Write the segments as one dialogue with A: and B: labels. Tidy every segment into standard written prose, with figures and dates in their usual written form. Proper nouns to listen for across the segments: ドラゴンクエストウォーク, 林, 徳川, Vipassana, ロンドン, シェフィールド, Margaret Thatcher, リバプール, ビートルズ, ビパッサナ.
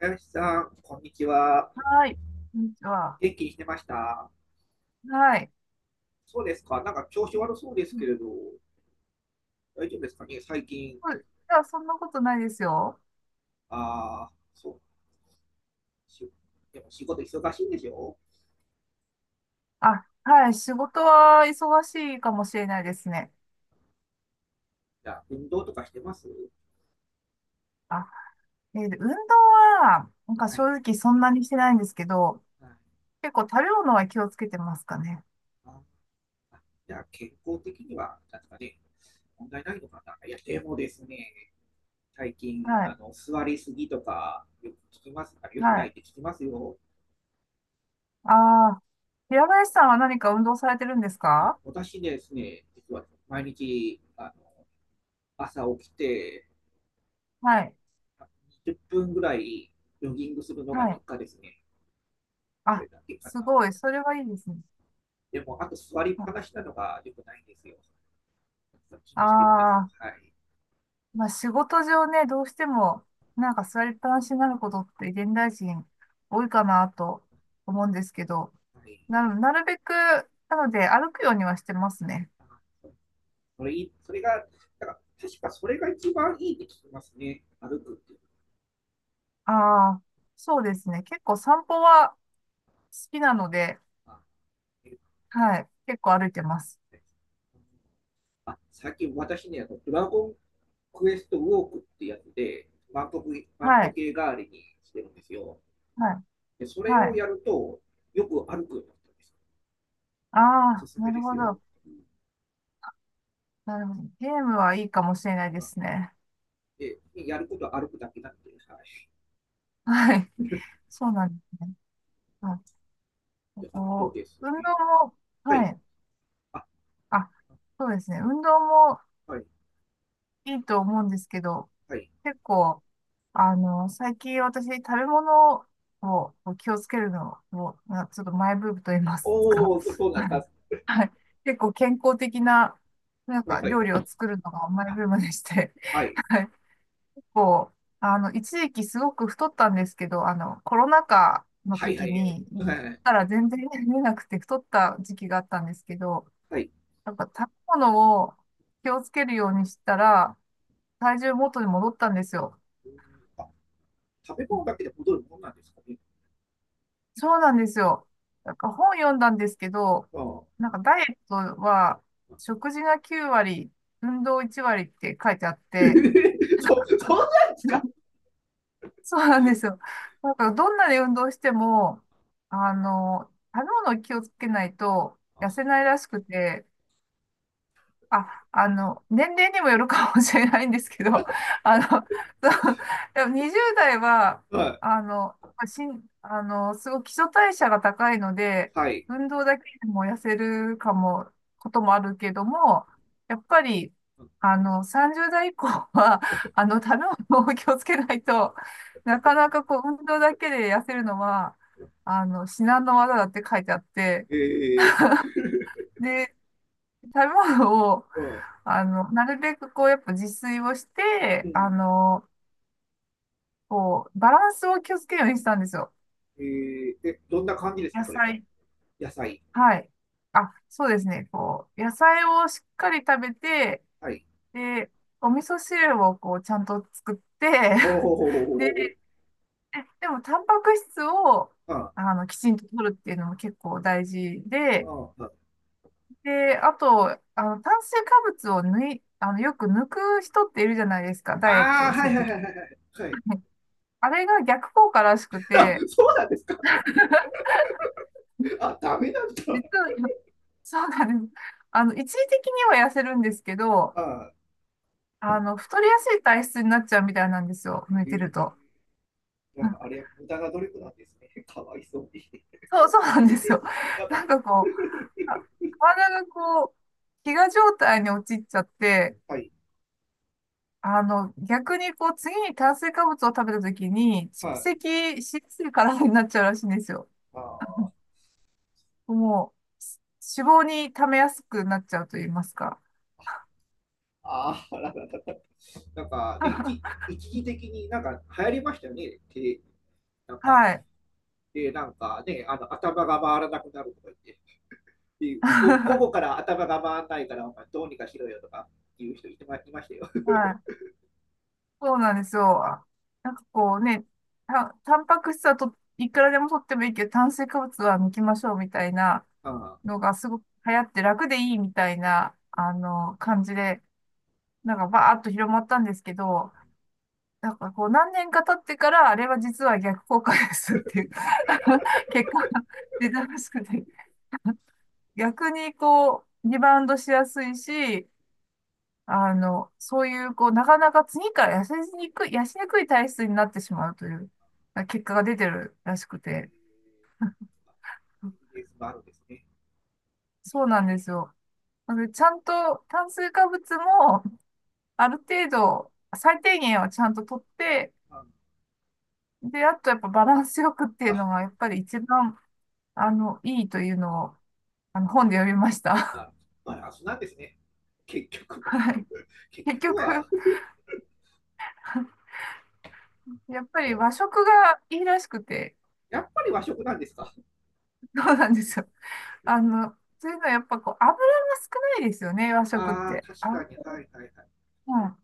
A: 林さん、こんにちは。
B: はい。こんにちは。
A: 元気にしてました？
B: はい。
A: そうですか。なんか調子悪そうですけれ
B: そ
A: ど、大丈夫ですかね最近。
B: ういや、そんなことないですよ。
A: ああ、そう。でも仕事忙しいんでしょ？
B: あ、はい。仕事は忙しいかもしれないですね。
A: じゃあ、運動とかしてます？
B: あ、運動は、なんか
A: は
B: 正
A: い。
B: 直そんなにしてないんですけど、
A: はい。
B: 結構食べ物は気をつけてますかね。
A: あ、あ、じゃあ、健康的には、なんですかね、問題ないのかな、いや、でもですね、最近、
B: はい。
A: 座りすぎとか、よく聞きます。あ、よく
B: は
A: ない
B: い。
A: って聞きますよ。
B: ああ、平林さんは何か運動されてるんです
A: あ、
B: か？
A: 私ですね、実は毎日、朝起きて、
B: はい。
A: 20分ぐらいジョギングするのが
B: は
A: 日
B: い。
A: 課ですね。それ
B: あ、
A: だけか
B: す
A: な。
B: ごい。それはいいですね。
A: でも、あと座りっぱなしなのが良くないんですよ。気にしてるんですよ。
B: ああ、
A: はい。
B: まあ仕事上ね、どうしても、なんか座りっぱなしになることって現代人多いかなと思うんですけど、
A: はい。
B: なるべく、なので歩くようにはしてますね。
A: それいい、それが、だから確かそれが一番いいって聞きますね。歩くっていう
B: ああ、そうですね。結構散歩は好きなので、
A: のは。
B: はい。結構歩いてます。
A: あ、最近私ね、あのドラゴンクエストウォークってやつで、万歩万
B: は
A: 歩
B: い。
A: 計代わりにしてるんですよ。
B: はい。
A: で、それ
B: は
A: を
B: い。
A: やると、よく歩くようになったんです。
B: あ
A: おす
B: あ、
A: すめ
B: な
A: で
B: る
A: す
B: ほ
A: よ。
B: ど。なるほど。ゲームはいいかもしれない
A: う
B: で
A: ん。
B: すね。
A: で、やることは歩くだけなので、はい。
B: はい。そうなんですね。はい。
A: で、あと
B: こ
A: です
B: う、運動
A: ね、
B: も、
A: は
B: は
A: い、
B: い。
A: あ、
B: あ、そうですね。運動も
A: はい、
B: いいと思うんですけど、
A: はい。
B: 結構、最近私食べ物を気をつけるのを、ちょっとマイブームと言いますか。
A: おお、そんう なんです
B: はい。
A: か。
B: はい。結構健康的な、なん
A: はい、
B: か
A: は
B: 料理を
A: い、
B: 作るのがマイ
A: あ、
B: ブームでして、
A: はい、
B: はい。結構、一時期すごく太ったんですけど、コロナ禍の
A: はい、は
B: 時
A: い、
B: に、行っ
A: はい、
B: たら全然 見えなくて太った時期があったんですけど、
A: はい。
B: なんか食べ物を気をつけるようにしたら、体重元に戻ったんですよ。
A: うん。あ、食べ物だけで戻るものなんですかね。
B: そうなんですよ。なんか本読んだんですけど、
A: ああ、
B: なんかダイエットは食事が9割、運動1割って書いてあっ て、
A: そうなんですか。
B: そうなんですよ。なんかどんなに運動しても、食べ物を気をつけないと痩せないらしくて、あ、年齢にもよるかもしれないんですけど、そう、でも20代は、
A: はい、
B: あの、しん、あの、すごい基礎代謝が高いので、
A: はい。
B: 運動だけでも痩せるかも、こともあるけども、やっぱり、30代以降は、食べ物を気をつけないと、なかなかこう、運動だけで痩せるのは、至難の業だって書いてあって、
A: ええ。
B: で、食べ物を、
A: うん、
B: なるべくこう、やっぱ自炊をし
A: う
B: て、
A: ん、
B: こう、バランスを気をつけるようにしたんですよ。
A: どんな
B: こ
A: 感じです
B: う
A: か、
B: 野
A: それは。
B: 菜、
A: 野菜。
B: はい。あ、そうですね。こう、野菜をしっかり食べて、
A: はい。
B: で、お味噌汁をこう、ちゃんと作って、
A: ほうほうほうほうほう
B: で、
A: ほう。
B: でも、タンパク質を、
A: あ
B: きちんと取るっていうのも結構大事で、
A: あ、
B: で、あと、炭水化物を抜い、あの、よく抜く人っているじゃないですか、ダイエッ
A: あ
B: ト
A: あ、
B: をす
A: はい
B: ると
A: はい
B: き。
A: はいはいはい。はい。
B: あれが逆効果らしく
A: あ、
B: て、
A: そうなんですか。あ、ダメなんだ。
B: 実は、そうなんです。一時的には痩せるんですけど、
A: あ
B: 太りやすい体質になっちゃうみたいなんですよ。寝
A: ー、
B: てると。
A: な
B: う
A: ん
B: ん、
A: かあれは無駄な努力なんですね。かわいそうに。
B: そう、そうなんですよ。
A: なん
B: な
A: か、
B: んかこう、あ、体がこう、飢餓状態に陥っちゃって、
A: はい、
B: 逆にこう、次に炭水化物を食べた時に、蓄
A: はい、
B: 積しやすい体になっちゃうらしいんですよ。
A: まあ、
B: もう、脂肪に溜めやすくなっちゃうと言いますか。
A: ーあー、なんかね、一 一時的になんか流行りましたよね。で、なん
B: は
A: か、
B: い。
A: で、なんかね、頭が回らなくなるとか言って、で後
B: は
A: から頭が回らないから、お前どうにかしろよとか言う人いてまいましたよ。
B: い。そうなんですよ。あ、なんかこうね、タンパク質はと、いくらでも取ってもいいけど、炭水化物は抜きましょうみたいな
A: あ
B: のがすごく流行って楽でいいみたいな、
A: ー、うん
B: 感じで、なんかバーッと広まったんですけど、なんかこう何年か経ってから、あれは実は逆効果ですっていう 結果が出たらしくて、逆にこう、リバウンドしやすいし、そういう、こう、なかなか次から痩せにくい体質になってしまうという、結果が出てるらしく
A: う
B: て。
A: ん、エビデンスもあるんですね。
B: そうなんですよ。なので、ちゃんと炭水化物も、ある程度、最低限はちゃんと取って、
A: うん、
B: で、あとやっぱバランスよくっていう
A: あ、
B: のが、やっぱり一番、いいというのを、本で読みまし
A: ま
B: た。
A: あ、そうなんですね。結局 は、
B: はい。
A: 結
B: 結
A: 局
B: 局、
A: は、
B: やっぱり和食がいいらしくて、
A: やっぱり和食なんですか。
B: そうなんですよ。あの、というのはやっぱこう、油が少ないですよね、和食っ
A: ああ、
B: て。
A: 確か
B: あ、
A: に、はいはいはい。
B: うん。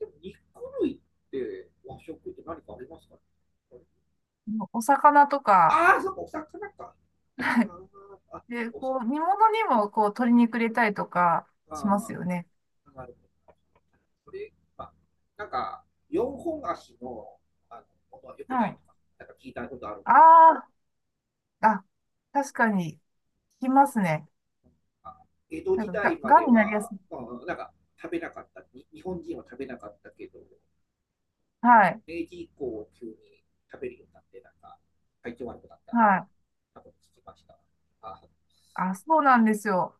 A: でも、肉類って和食って何かありますか？
B: お魚とか、
A: ああ、そっか、お魚か。
B: は
A: あ
B: い。
A: ーあ、
B: で、
A: お魚
B: こう、煮物にもこう、鶏肉入れたりとかします
A: か。
B: よね。
A: なるほど。これ、まあ、なんか、四本足の、あの、ものは良
B: は
A: くない
B: い。
A: とか、なんか聞いたことあるん
B: あ
A: ですけど、
B: あ、あ、確かに、効きますね。
A: まあ江戸
B: な
A: 時
B: んか
A: 代ま
B: が
A: で
B: んになりや
A: は、
B: すい。
A: まあ、なんか、食べなかった、に日本人は食べなかったけど、
B: はい。
A: 0時以降急に食べるようになって、なんか、体調悪くなったみたい
B: は
A: な、
B: い。
A: 多分聞きました。あ、
B: あ、そうなんですよ。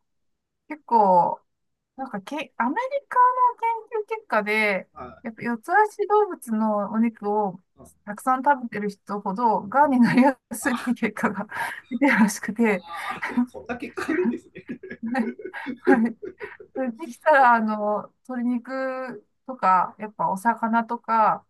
B: 結構、なんかアメリカの研究結果で、
A: あ、
B: やっぱ四つ足動物のお肉を
A: うん、
B: たくさん食べてる人ほど、が
A: う
B: ん
A: ん、
B: になりやすいっていう
A: あ、
B: 結果が 出てるらしく
A: あ、
B: て、
A: あ、そんな結果あるんですね。
B: はい。はい。それできたら、鶏肉とか、やっぱお魚とか、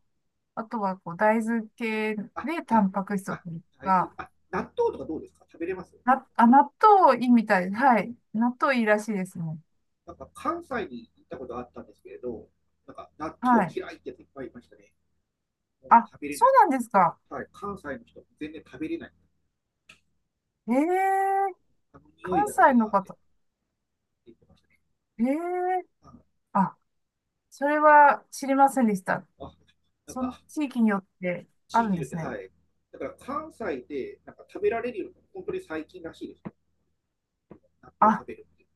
B: あとはこう大豆系
A: あ、
B: でタンパク質を
A: あ、
B: 取ると
A: 大豆、
B: か、
A: あ、納豆とかどうですか食べれます？
B: あ、納豆いいみたい。はい。納豆いいらしいですね。
A: なんか関西に行ったことあったんですけれど、なんか納
B: は
A: 豆
B: い。
A: 嫌いっていっぱいいましたね。もう
B: あ、
A: 食べれ
B: そ
A: ない。
B: うなんですか。
A: はい、関西の人、全然食べれない。
B: ええ。
A: あの匂い
B: 関
A: がダ
B: 西
A: メ
B: の
A: だって
B: 方、
A: 言ってましたね。
B: ええ、あ、それは知りませんでした。
A: あ、なん
B: その
A: か
B: 地域によってあ
A: 地
B: る
A: 域
B: ん
A: に
B: で
A: よって、
B: すね。
A: はい。だから関西でなんか食べられるようにの本当に最近らしいです。納豆を食
B: あ、
A: べるって。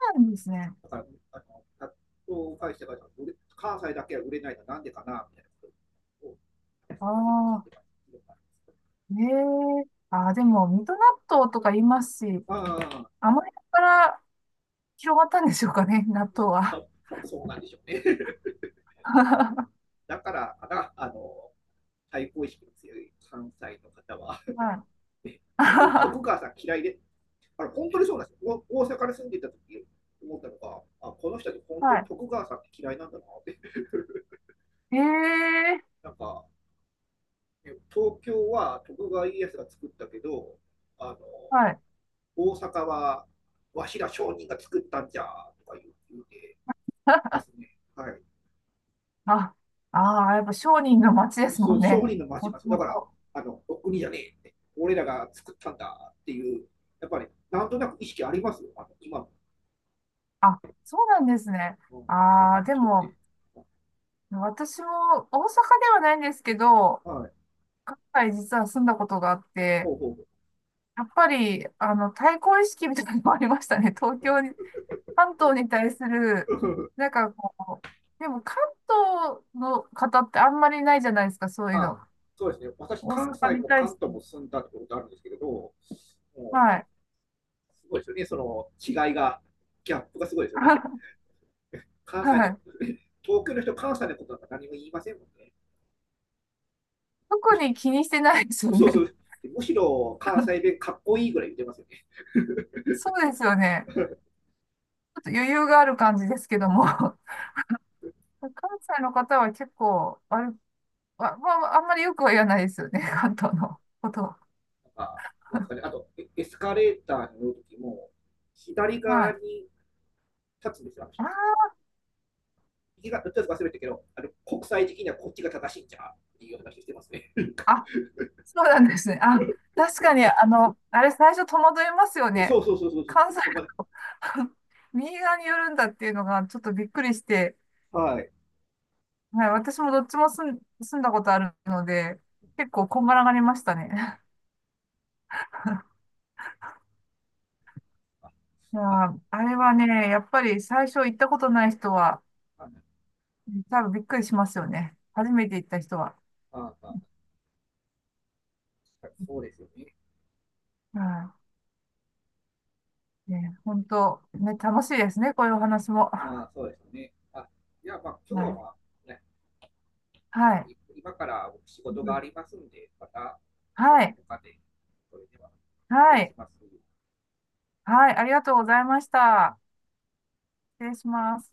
B: そうなんですね。
A: だから、あの納豆を返してから売れ関西だけは売れないのはなんでかなみたいなことを聞
B: あ
A: い
B: あ、
A: てます。
B: ええ、ああ、でも、水戸納豆とか言いますし、
A: ああ、
B: あの辺から広がったんでしょうかね、納豆は。
A: 多分そうなんでしょうね。
B: は
A: だからかな、対抗意識の強い関西の方は、
B: い。
A: 徳 徳川さん嫌いで、あれ、本当にそうなんですよ。大阪に住んでいた時思ったのが、あ、この人たち本当に
B: は
A: 徳川さんって嫌いなんだなって
B: い。ええ、
A: なんか、ね、東京は徳川家康が作ったけど、あの、
B: はい。
A: 大阪はわしら商人が作ったんじゃとか言うてま すね。はい。
B: あ、ああ、やっぱ商人の街です
A: そ
B: も
A: の
B: ん
A: 商
B: ね。
A: 人の町
B: も
A: ま
B: と
A: す。だ
B: も
A: から、
B: と。
A: あの、お国じゃねえって。俺らが作ったんだっていう、やっぱり、なんとなく意識ありますよ。今の、
B: あ、そうなんですね。
A: うん、関西
B: あ
A: の
B: あ、で
A: 人って。
B: も、私も大阪ではないんですけど、
A: はい。
B: 関西実は住んだことがあって、
A: ほうほう。
B: やっぱり、対抗意識みたいなのもありましたね。東京に、関東に対する、なんかこう、でも関東の方ってあんまりないじゃないですか、そういう
A: あ、
B: の。
A: そうですね。私、
B: 大
A: 関
B: 阪
A: 西
B: に
A: も
B: 対
A: 関
B: し
A: 東
B: て。
A: も住んだってことあるんですけれど、もう、
B: はい。
A: すごいですよね。その違いが、ギャップがすごいですよね。関西
B: は
A: の、
B: い。
A: 東京の人、関西のことなんか何も言いませんもんね。
B: 特に気にしてないですよ
A: そうそ
B: ね。
A: う。むしろ関西弁かっこいいぐらい言ってますよね。
B: そうですよね。ちょっと余裕がある感じですけ
A: う
B: ど
A: ん。
B: も。関西の方は結構、あれ、まあ、まあ、あんまりよくは言わないですよね、関東のことを。
A: なんか、なんですかね。あと、エスカレーターに乗るときも、左
B: は
A: 側
B: い。
A: に立つんですよ、あの人たち。
B: あ
A: 右側、どっちか忘れたけど、国際的にはこっちが正しいんじゃ、っていう話してますね。
B: ー、そうなんですね。あ、確かに、あれ最初戸惑いますよ
A: そ
B: ね。
A: うそうそうそう。
B: 関西
A: そう、
B: の右側に寄るんだっていうのがちょっとびっくりして、
A: はい。
B: はい、私もどっちも住んだことあるので、結構こんがらがりましたね。いや
A: あ、
B: ー、あれはね、やっぱり最初行ったことない人は、
A: あ、ま
B: 多分びっくりしますよね。初めて行った人は。
A: あ、あ、確かにそうですよね。
B: はい。ね、本当、ね、楽しいですね、こういうお話も。
A: ま
B: は
A: あ、そうですよね。あ、じゃあ、まあ、今日は、ま
B: い。
A: あ、ね、
B: はい。
A: 今から僕仕事がありますんで、また、
B: は
A: ど
B: い。
A: こかで、それでは、失
B: は
A: 礼し
B: い。
A: ます。
B: はい。ありがとうございました。失礼します。